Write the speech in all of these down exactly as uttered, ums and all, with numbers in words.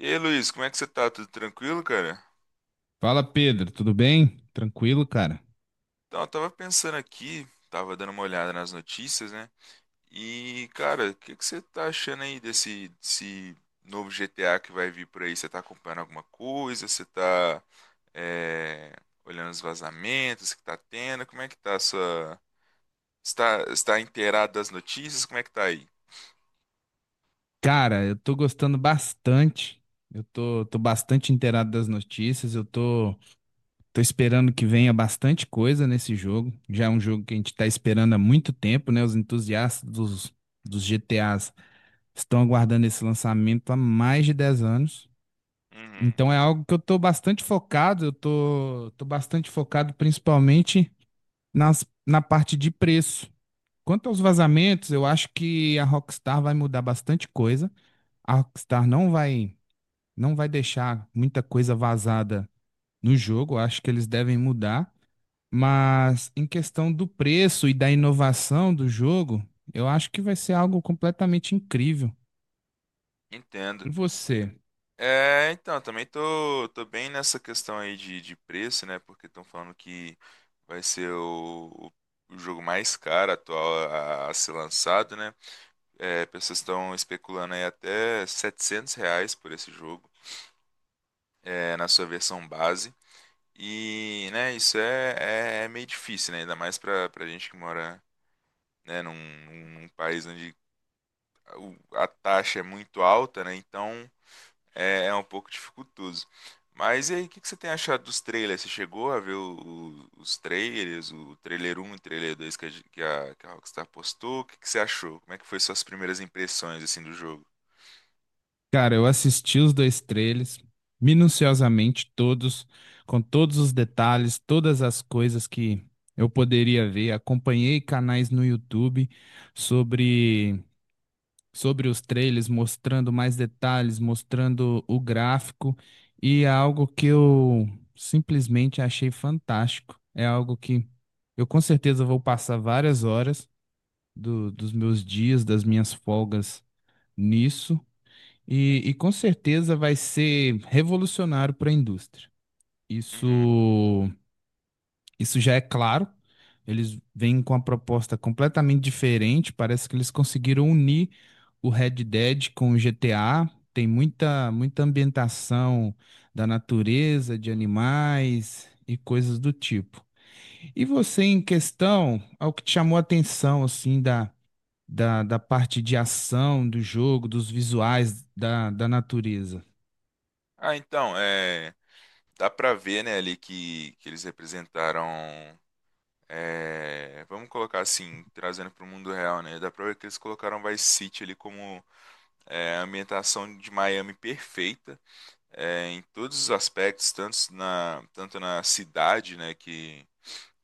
E aí, Luiz, como é que você tá? Tudo tranquilo, cara? Fala Pedro, tudo bem? Tranquilo, cara? Então, eu tava pensando aqui, tava dando uma olhada nas notícias, né? E, cara, o que que você tá achando aí desse, desse novo G T A que vai vir por aí? Você tá acompanhando alguma coisa? Você tá, é, olhando os vazamentos que tá tendo? Como é que tá a sua... Está, está inteirado das notícias? Como é que tá aí? Cara, eu tô gostando bastante. Eu tô, tô bastante inteirado das notícias. Eu tô, tô esperando que venha bastante coisa nesse jogo. Já é um jogo que a gente tá esperando há muito tempo, né? Os entusiastas dos, dos G T As estão aguardando esse lançamento há mais de dez anos. Uhum. Então é algo que eu tô bastante focado. Eu tô, tô bastante focado principalmente nas, na parte de preço. Quanto aos vazamentos, eu acho que a Rockstar vai mudar bastante coisa. A Rockstar não vai, não vai deixar muita coisa vazada no jogo. Eu acho que eles devem mudar. Mas em questão do preço e da inovação do jogo, eu acho que vai ser algo completamente incrível. Entendo. E você? É, então, também tô, tô bem nessa questão aí de, de preço, né? Porque estão falando que vai ser o, o jogo mais caro atual a, a ser lançado, né? É, pessoas estão especulando aí até setecentos reais por esse jogo, é, na sua versão base. E, né, isso é, é, é meio difícil, né? Ainda mais pra, pra gente que mora, né, num, num num país onde a o- a taxa é muito alta, né? Então. é, é um pouco dificultoso. Mas e aí, o que que você tem achado dos trailers? Você chegou a ver o- o- os trailers, o trailer um, e o trailer dois que a, gen- que a- que a Rockstar postou? O que que você achou? Como é que foi suas primeiras impressões assim do jogo? Cara, eu assisti os dois trailers minuciosamente todos, com todos os detalhes, todas as coisas que eu poderia ver. Acompanhei canais no YouTube sobre sobre os trailers, mostrando mais detalhes, mostrando o gráfico e é algo que eu simplesmente achei fantástico. É algo que eu com certeza vou passar várias horas do- dos meus dias, das minhas folgas nisso. E, e com certeza vai ser revolucionário para a indústria. Isso, Uhum. isso já é claro. Eles vêm com uma proposta completamente diferente. Parece que eles conseguiram unir o Red Dead com o G T A. Tem muita, muita ambientação da natureza, de animais e coisas do tipo. E você, em questão, ao que te chamou a atenção, assim, da, da, da parte de ação do jogo, dos visuais da, da natureza? Ah, então, é, dá pra ver, né, ali que, que eles representaram, é, vamos colocar assim, trazendo pro mundo real, né. Dá pra ver que eles colocaram Vice City ali como, é, a ambientação de Miami perfeita, é, em todos os aspectos, tanto na, tanto na cidade, né, que,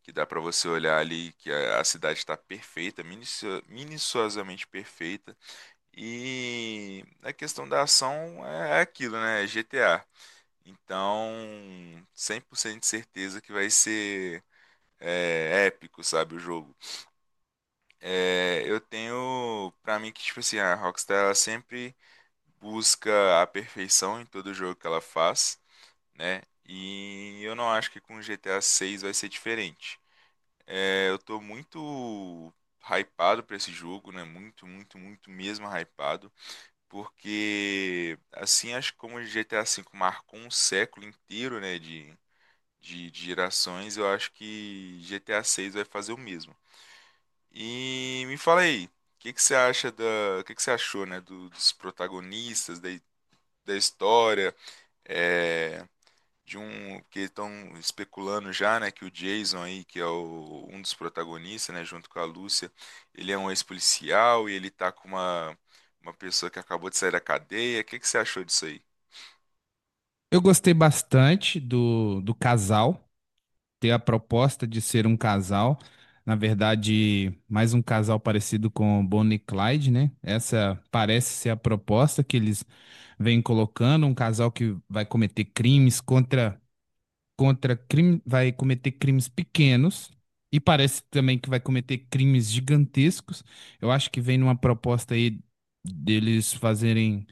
que dá para você olhar ali que a, a cidade está perfeita, minicio- minuciosamente perfeita, e a questão da ação é é aquilo, né, é G T A. Então, cem por cento de certeza que vai ser, é, épico, sabe, o jogo. É, eu tenho pra mim que, tipo assim, a Rockstar ela sempre busca a perfeição em todo jogo que ela faz, né? E eu não acho que com G T A seis vai ser diferente. É, eu tô muito hypado pra esse jogo, né? Muito, muito, muito mesmo hypado, porque assim, acho que como o G T A V marcou um século inteiro, né, de, de, de gerações, eu acho que G T A seis vai fazer o mesmo. E me fala aí, o que que você acha da, o que que você achou, né, do- dos protagonistas, da, da história. É, de um que estão especulando já, né, que o Jason aí, que é o- um dos protagonistas, né, junto com a Lúcia, ele é um ex-policial e ele tá com uma uma pessoa que acabou de sair da cadeia. O que que você achou disso aí? Eu gostei bastante do, do casal, ter a proposta de ser um casal. Na verdade, mais um casal parecido com Bonnie e Clyde, né? Essa parece ser a proposta que eles vêm colocando, um casal que vai cometer crimes contra contra crime, vai cometer crimes pequenos e parece também que vai cometer crimes gigantescos. Eu acho que vem numa proposta aí deles fazerem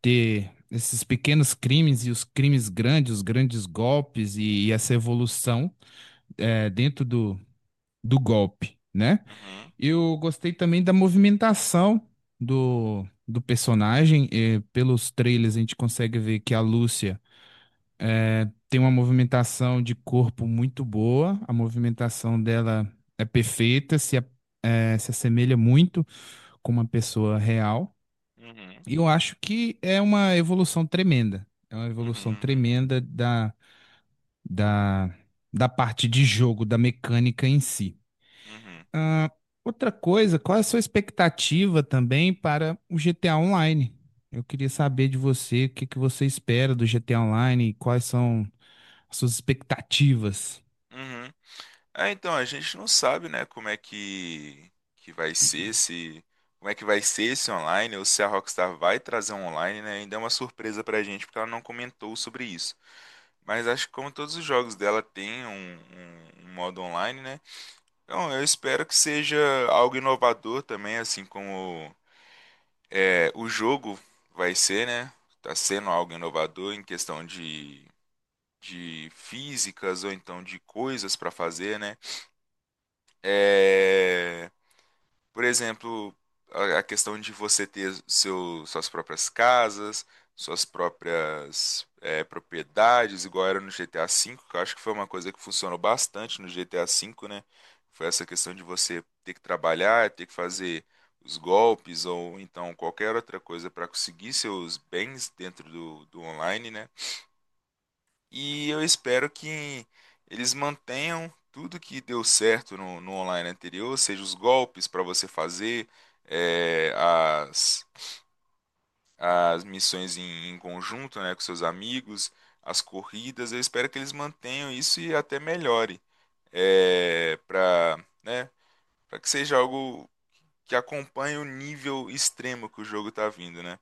ter esses pequenos crimes e os crimes grandes, os grandes golpes e, e essa evolução é, dentro do, do golpe, né? Uhum, Eu gostei também da movimentação do, do personagem. Eh, pelos trailers a gente consegue ver que a Lúcia tem uma movimentação de corpo muito boa, a movimentação dela é perfeita, se, a- eh, se assemelha muito com uma pessoa real. uhum, E eu acho que é uma evolução tremenda. É uma evolução uhum, tremenda da, da, da parte de jogo, da mecânica em si. uhum, Ah, outra coisa, qual é a sua expectativa também para o G T A Online? Eu queria saber de você o que que você espera do G T A Online e quais são as suas expectativas. uhum, uhum. É, então, a gente não sabe, né, como é que, que vai ser se como é que vai ser esse online, ou se a Rockstar vai trazer um online, né? Ainda é uma surpresa pra gente, porque ela não comentou sobre isso. Mas acho que como todos os jogos dela tem um, um- um modo online, né? Então eu espero que seja algo inovador também, assim como, é, o jogo vai ser, né? Tá sendo algo inovador em questão de, de físicas ou então de coisas pra fazer, né? É, por exemplo, a a questão de você ter seu, suas próprias casas, suas próprias, eh, propriedades, igual era no G T A V, que eu acho que foi uma coisa que funcionou bastante no G T A V, né? Foi essa questão de você ter que trabalhar, ter que fazer os golpes ou então qualquer outra coisa para conseguir seus bens dentro do, do online, né? E eu espero que eles mantenham tudo que deu certo no, no online anterior, seja os golpes para você fazer, eh, as, as missões em, em conjunto, né, com seus amigos, as corridas. Eu espero que eles mantenham isso e até melhore, é, para, né, para que seja algo que acompanhe o nível extremo que o jogo está vindo, né?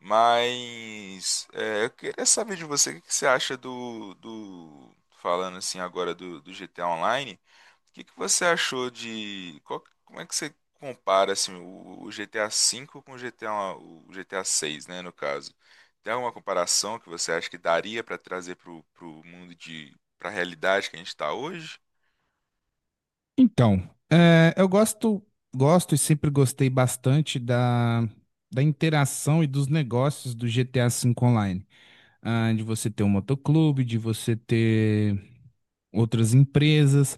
Mas é, eu queria saber de você, o que que você acha do, do falando assim agora do, do G T A Online. O que que você achou de, qual- como é que você compara assim o, o G T A V com o G T A o G T A seis, né, no caso? Tem alguma comparação que você acha que daria para trazer pro, pro mundo de para a realidade que a gente está hoje? Então, eh, eu gosto, gosto e sempre gostei bastante da, da interação e dos negócios do G T A cinco Online. Ah, de você ter um motoclube, de você ter outras empresas.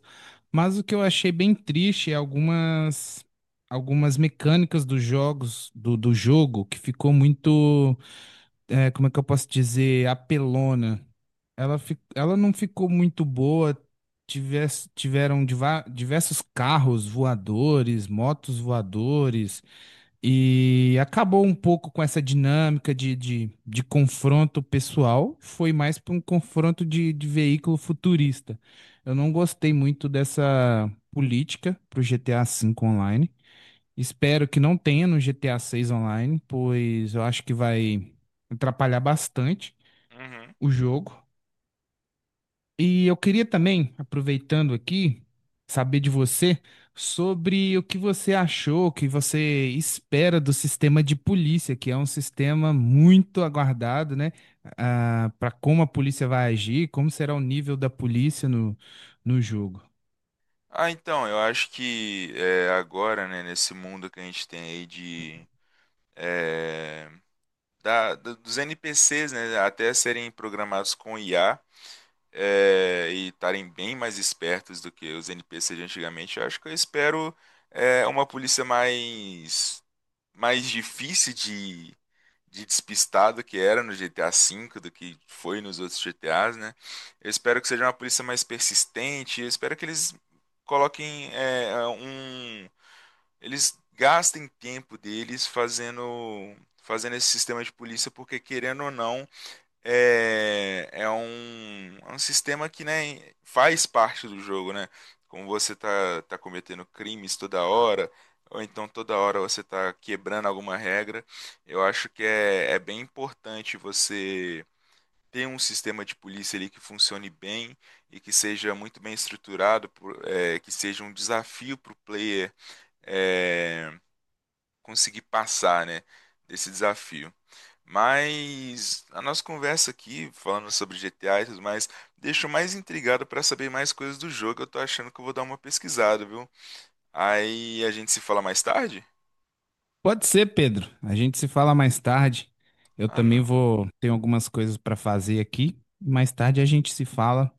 Mas o que eu achei bem triste é algumas algumas mecânicas dos jogos do, do jogo que ficou muito, é, como é que eu posso dizer, apelona. Ela, fi- ela não ficou muito boa. Tivesse, tiveram diva- diversos carros voadores, motos voadores. E acabou um pouco com essa dinâmica de, de, de confronto pessoal, foi mais para um confronto de, de veículo futurista. Eu não gostei muito dessa política para o G T A cinco online. Espero que não tenha no G T A seis online, pois eu acho que vai atrapalhar bastante Uhum. o jogo. E eu queria também, aproveitando aqui, saber de você sobre o que você achou, o que você espera do sistema de polícia, que é um sistema muito aguardado, né? Para como a polícia vai agir, como será o nível da polícia no, no jogo. Ah, então, eu acho que, é, agora, né, nesse mundo que a gente tem aí de é, da- do- dos N P Cs, né, até serem programados com I A, é, e estarem bem mais espertos do que os N P Cs de antigamente, eu acho que eu espero, é, uma polícia mais, mais, difícil de, de despistar do que era no G T A V, do que foi nos outros G T As, né? Eu espero que seja uma polícia mais persistente, eu espero que eles coloquem, é, um eles gastem tempo deles fazendo, fazendo esse sistema de polícia, porque querendo ou não, é, é um, é um sistema que, né, faz parte do jogo, né. Como você tá, tá cometendo crimes toda hora, ou então toda hora você tá quebrando alguma regra, eu acho que é, é bem importante você ter um sistema de polícia ali que funcione bem e que seja muito bem estruturado, por- é, que seja um desafio para o player, é, conseguir passar, né, desse desafio. Mas a nossa conversa aqui, falando sobre G T A e tudo mais, deixou mais intrigado para saber mais coisas do jogo. Eu tô achando que eu vou dar uma pesquisada, viu? Aí a gente se fala mais tarde? Pode ser, Pedro. A gente se fala mais tarde. Eu Ah, também não. vou, tenho algumas coisas para fazer aqui. Mais tarde a gente se fala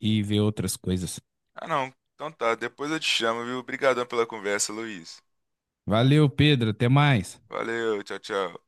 e vê outras coisas. Ah, não. Então tá, depois eu te chamo, viu? Obrigadão pela conversa, Luiz. Valeu, Pedro. Até mais. Valeu, tchau, tchau.